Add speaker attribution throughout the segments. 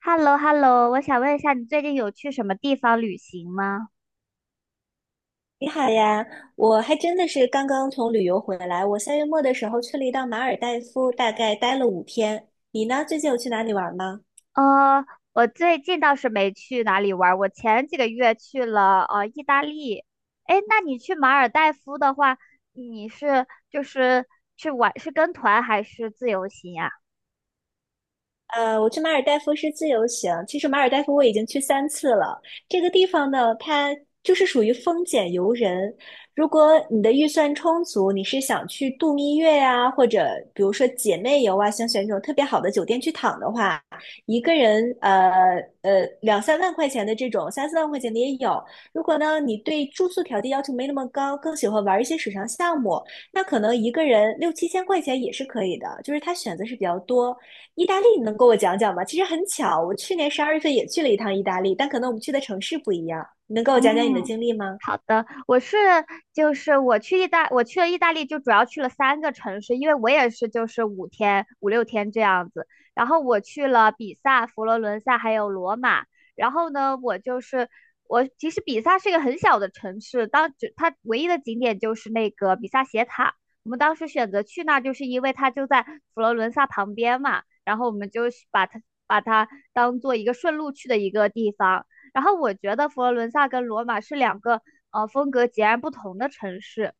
Speaker 1: h e l l o h e l l o 我想问一下，你最近有去什么地方旅行吗？
Speaker 2: 你好呀，我还真的是刚刚从旅游回来。我3月末的时候去了一趟马尔代夫，大概待了5天。你呢？最近有去哪里玩吗？
Speaker 1: 呃，我最近倒是没去哪里玩儿，我前几个月去了意大利。诶，那你去马尔代夫的话，你是就是去玩是跟团还是自由行呀？
Speaker 2: 我去马尔代夫是自由行。其实马尔代夫我已经去三次了。这个地方呢，它就是属于风俭游人。如果你的预算充足，你是想去度蜜月呀、或者比如说姐妹游啊，想选这种特别好的酒店去躺的话，一个人两三万块钱的这种，三四万块钱的也有。如果呢你对住宿条件要求没那么高，更喜欢玩一些水上项目，那可能一个人六七千块钱也是可以的。就是它选择是比较多。意大利，你能给我讲讲吗？其实很巧，我去年十二月份也去了一趟意大利，但可能我们去的城市不一样。你能跟我讲讲你的
Speaker 1: 嗯，
Speaker 2: 经历吗？
Speaker 1: 好的，我是就是我去意大，我去了意大利，就主要去了3个城市，因为我也是就是5 6天这样子。然后我去了比萨、佛罗伦萨还有罗马。然后呢，我就是我其实比萨是一个很小的城市，当只它唯一的景点就是那个比萨斜塔。我们当时选择去那儿，就是因为它就在佛罗伦萨旁边嘛，然后我们就是把它当做一个顺路去的一个地方。然后我觉得佛罗伦萨跟罗马是两个风格截然不同的城市。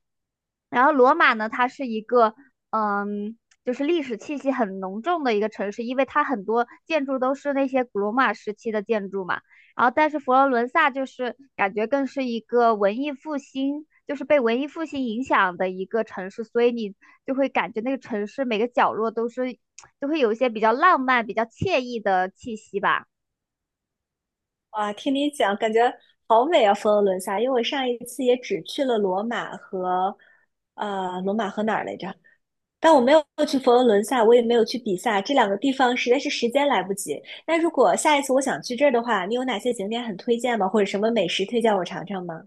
Speaker 1: 然后罗马呢，它是一个嗯，就是历史气息很浓重的一个城市，因为它很多建筑都是那些古罗马时期的建筑嘛。然后，但是佛罗伦萨就是感觉更是一个文艺复兴，就是被文艺复兴影响的一个城市，所以你就会感觉那个城市每个角落都是，就会有一些比较浪漫、比较惬意的气息吧。
Speaker 2: 哇，听你讲，感觉好美啊，佛罗伦萨。因为我上一次也只去了罗马和，罗马和哪儿来着？但我没有去佛罗伦萨，我也没有去比萨，这两个地方实在是时间来不及。那如果下一次我想去这儿的话，你有哪些景点很推荐吗？或者什么美食推荐我尝尝吗？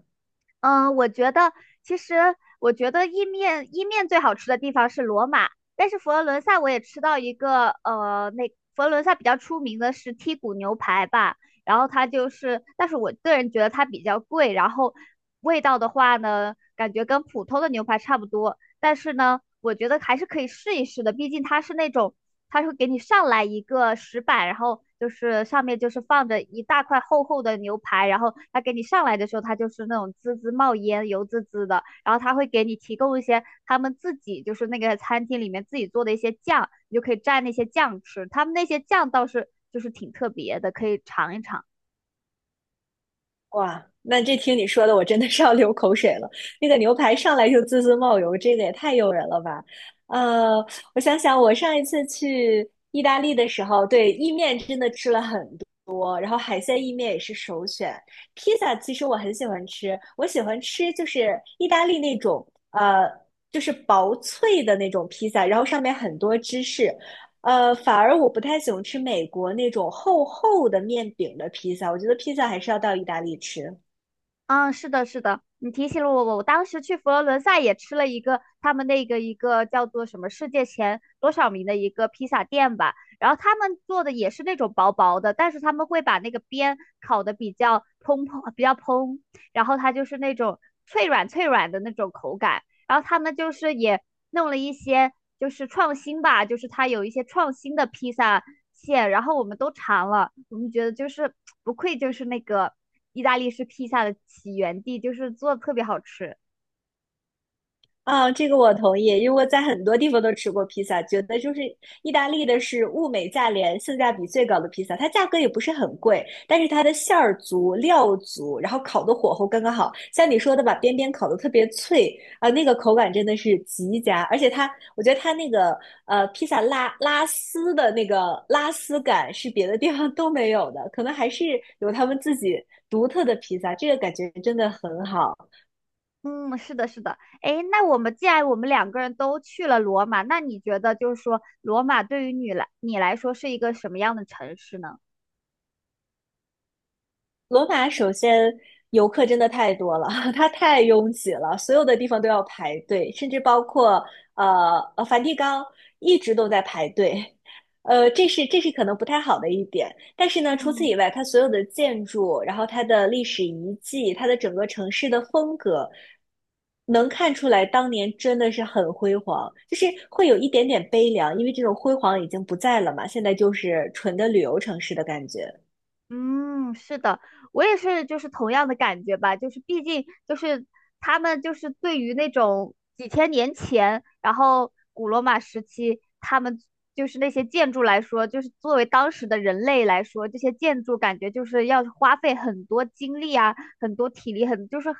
Speaker 1: 嗯，我觉得其实我觉得意面最好吃的地方是罗马，但是佛罗伦萨我也吃到一个那佛罗伦萨比较出名的是剔骨牛排吧，然后它就是，但是我个人觉得它比较贵，然后味道的话呢，感觉跟普通的牛排差不多，但是呢，我觉得还是可以试一试的，毕竟它是那种他会给你上来一个石板，然后就是上面就是放着一大块厚厚的牛排，然后他给你上来的时候，他就是那种滋滋冒烟、油滋滋的，然后他会给你提供一些他们自己就是那个餐厅里面自己做的一些酱，你就可以蘸那些酱吃。他们那些酱倒是就是挺特别的，可以尝一尝。
Speaker 2: 哇，那这听你说的，我真的是要流口水了。那个牛排上来就滋滋冒油，这个也太诱人了吧！呃，我想想，我上一次去意大利的时候，对，意面真的吃了很多，然后海鲜意面也是首选。披萨其实我很喜欢吃，我喜欢吃就是意大利那种就是薄脆的那种披萨，然后上面很多芝士，反而我不太喜欢吃美国那种厚厚的面饼的披萨，我觉得披萨还是要到意大利吃。
Speaker 1: 嗯，是的，是的，你提醒了我，我当时去佛罗伦萨也吃了一个他们那个一个叫做什么世界前多少名的一个披萨店吧，然后他们做的也是那种薄薄的，但是他们会把那个边烤的比较蓬蓬，比较蓬，然后它就是那种脆软的那种口感，然后他们就是也弄了一些就是创新吧，就是他有一些创新的披萨馅，然后我们都尝了，我们觉得就是不愧就是那个意大利式披萨的起源地，就是做的特别好吃。
Speaker 2: 啊，这个我同意，因为我在很多地方都吃过披萨，觉得就是意大利的是物美价廉、性价比最高的披萨，它价格也不是很贵，但是它的馅儿足、料足，然后烤的火候刚刚好。像你说的，把边边烤的特别脆啊、那个口感真的是极佳，而且它，我觉得它那个披萨拉丝的那个拉丝感是别的地方都没有的，可能还是有他们自己独特的披萨，这个感觉真的很好。
Speaker 1: 嗯，是的，是的。哎，那既然我们2个人都去了罗马，那你觉得就是说罗马对于你来说是一个什么样的城市呢？
Speaker 2: 罗马首先游客真的太多了，它太拥挤了，所有的地方都要排队，甚至包括梵蒂冈一直都在排队，这是可能不太好的一点。但是呢，除此
Speaker 1: 嗯。
Speaker 2: 以外，它所有的建筑，然后它的历史遗迹，它的整个城市的风格，能看出来当年真的是很辉煌，就是会有一点点悲凉，因为这种辉煌已经不在了嘛，现在就是纯的旅游城市的感觉。
Speaker 1: 嗯，是的，我也是，就是同样的感觉吧，就是毕竟就是他们就是对于那种几千年前，然后古罗马时期，他们就是那些建筑来说，就是作为当时的人类来说，这些建筑感觉就是要花费很多精力啊，很多体力，很就是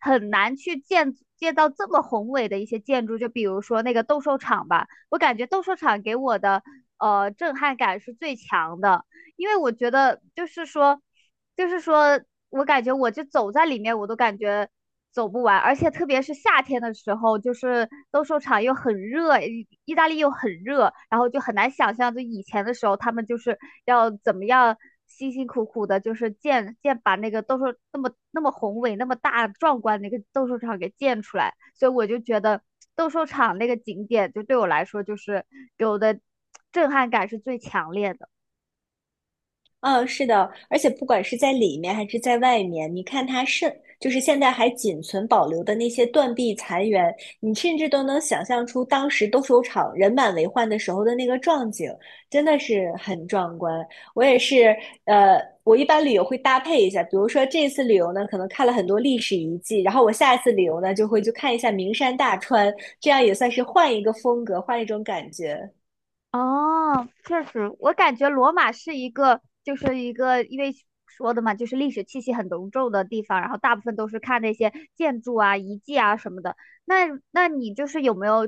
Speaker 1: 很难去建造这么宏伟的一些建筑，就比如说那个斗兽场吧，我感觉斗兽场给我的震撼感是最强的。因为我觉得就是说，就是说我感觉我就走在里面，我都感觉走不完，而且特别是夏天的时候，就是斗兽场又很热，意大利又很热，然后就很难想象，就以前的时候他们就是要怎么样辛辛苦苦的，就是建那个斗兽那么宏伟、那么大壮观的一个斗兽场给建出来，所以我就觉得斗兽场那个景点就对我来说就是给我的震撼感是最强烈的。
Speaker 2: 嗯，是的，而且不管是在里面还是在外面，你看它剩，就是现在还仅存保留的那些断壁残垣，你甚至都能想象出当时斗兽场人满为患的时候的那个壮景，真的是很壮观。我也是，我一般旅游会搭配一下，比如说这次旅游呢，可能看了很多历史遗迹，然后我下一次旅游呢，就会去看一下名山大川，这样也算是换一个风格，换一种感觉。
Speaker 1: 哦，确实，我感觉罗马是一个，就是一个，因为说的嘛，就是历史气息很浓重的地方，然后大部分都是看那些建筑啊、遗迹啊什么的。那，那你就是有没有，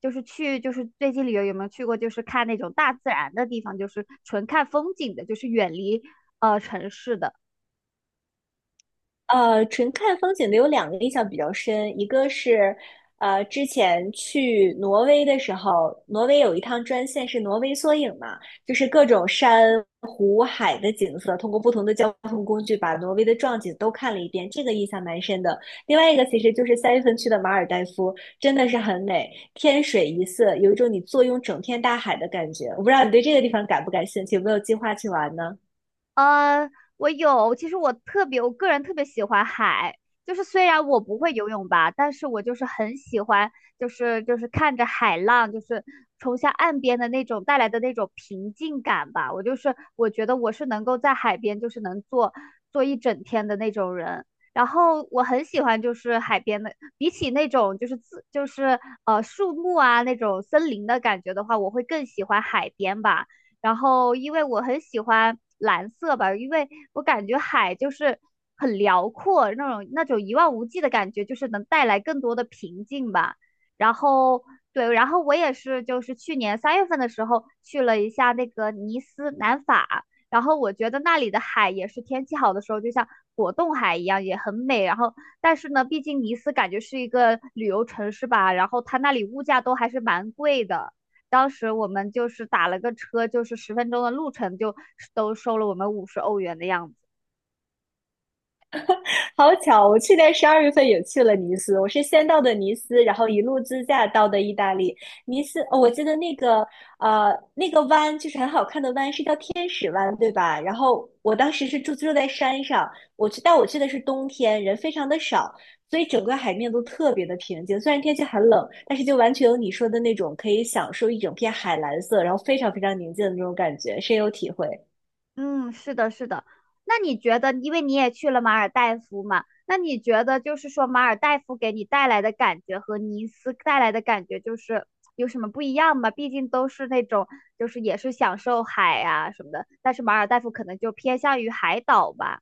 Speaker 1: 就是去，就是最近旅游有没有去过，就是看那种大自然的地方，就是纯看风景的，就是远离城市的？
Speaker 2: 纯看风景的有两个印象比较深，一个是，之前去挪威的时候，挪威有一趟专线是挪威缩影嘛，就是各种山湖海的景色，通过不同的交通工具把挪威的壮景都看了一遍，这个印象蛮深的。另外一个其实就是3月份去的马尔代夫，真的是很美，天水一色，有一种你坐拥整片大海的感觉。我不知道你对这个地方感不感兴趣，有没有计划去玩呢？
Speaker 1: 呃，我有，其实我特别，我个人特别喜欢海，就是虽然我不会游泳吧，但是我就是很喜欢，就是看着海浪，就是冲向岸边的那种带来的那种平静感吧。我就是我觉得我是能够在海边就是能坐一整天的那种人。然后我很喜欢就是海边的，比起那种就是自就是树木啊那种森林的感觉的话，我会更喜欢海边吧。然后因为我很喜欢蓝色吧，因为我感觉海就是很辽阔，那种一望无际的感觉，就是能带来更多的平静吧。然后对，然后我也是，就是去年3月份的时候去了一下那个尼斯南法，然后我觉得那里的海也是天气好的时候，就像果冻海一样，也很美。然后但是呢，毕竟尼斯感觉是一个旅游城市吧，然后它那里物价都还是蛮贵的。当时我们就是打了个车，就是10分钟的路程，就都收了我们50欧元的样子。
Speaker 2: 好巧，我去年12月份也去了尼斯，我是先到的尼斯，然后一路自驾到的意大利。尼斯，哦，我记得那个那个湾就是很好看的湾，是叫天使湾，对吧？然后我当时是住在山上，我去，但我去的是冬天，人非常的少，所以整个海面都特别的平静。虽然天气很冷，但是就完全有你说的那种可以享受一整片海蓝色，然后非常非常宁静的那种感觉，深有体会。
Speaker 1: 嗯，是的，是的。那你觉得，因为你也去了马尔代夫嘛，那你觉得就是说马尔代夫给你带来的感觉和尼斯带来的感觉就是有什么不一样吗？毕竟都是那种就是也是享受海啊什么的，但是马尔代夫可能就偏向于海岛吧。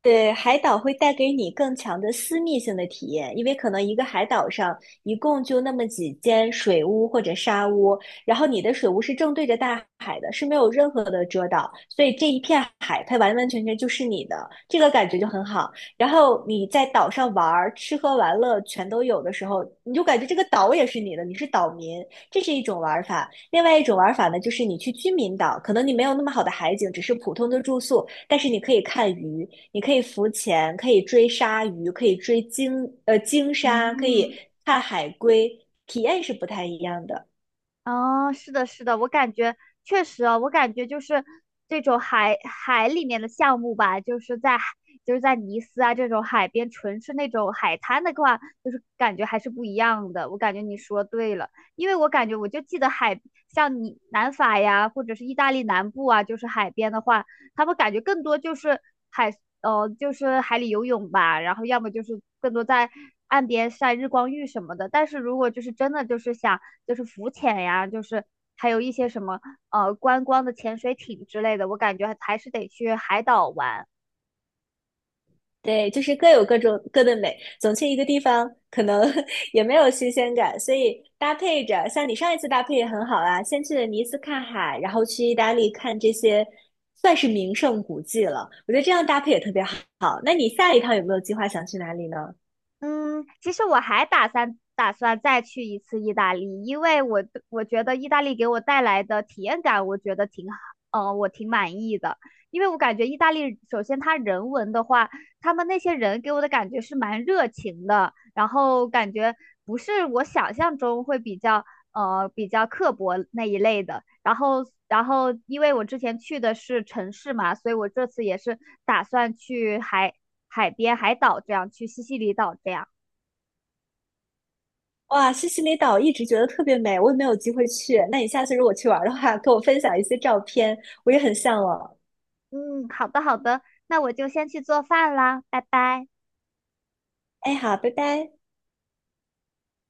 Speaker 2: 对，海岛会带给你更强的私密性的体验，因为可能一个海岛上一共就那么几间水屋或者沙屋，然后你的水屋是正对着大海的，是没有任何的遮挡，所以这一片海它完完全全就是你的，这个感觉就很好。然后你在岛上玩儿、吃喝玩乐全都有的时候，你就感觉这个岛也是你的，你是岛民，这是一种玩法。另外一种玩法呢，就是你去居民岛，可能你没有那么好的海景，只是普通的住宿，但是你可以看鱼，你可以浮潜，可以追鲨鱼，可以追鲸，鲸鲨，可以
Speaker 1: 嗯。
Speaker 2: 看海龟，体验是不太一样的。
Speaker 1: 哦，是的，是的，我感觉确实哦，我感觉就是这种海里面的项目吧，就是在海就是在尼斯啊这种海边，纯是那种海滩的话，就是感觉还是不一样的。我感觉你说对了，因为我感觉我就记得海，像你南法呀，或者是意大利南部啊，就是海边的话，他们感觉更多就是海，就是海里游泳吧，然后要么就是更多在岸边晒日光浴什么的。但是如果就是真的就是想就是浮潜呀，就是还有一些什么观光的潜水艇之类的，我感觉还是得去海岛玩。
Speaker 2: 对，就是各有各种各的美。总去一个地方，可能 也没有新鲜感，所以搭配着，像你上一次搭配也很好啊，先去了尼斯看海，然后去意大利看这些算是名胜古迹了。我觉得这样搭配也特别好。那你下一趟有没有计划想去哪里呢？
Speaker 1: 嗯，其实我还打算再去一次意大利，因为我我觉得意大利给我带来的体验感，我觉得挺好，我挺满意的。因为我感觉意大利，首先他人文的话，他们那些人给我的感觉是蛮热情的，然后感觉不是我想象中会比较比较刻薄那一类的。然后，然后因为我之前去的是城市嘛，所以我这次也是打算去海边、海岛这样，去西西里岛这样。
Speaker 2: 哇，西西里岛一直觉得特别美，我也没有机会去。那你下次如果去玩儿的话，跟我分享一些照片，我也很向往。
Speaker 1: 嗯，好的好的，那我就先去做饭啦，拜拜。
Speaker 2: 哎，好，拜拜。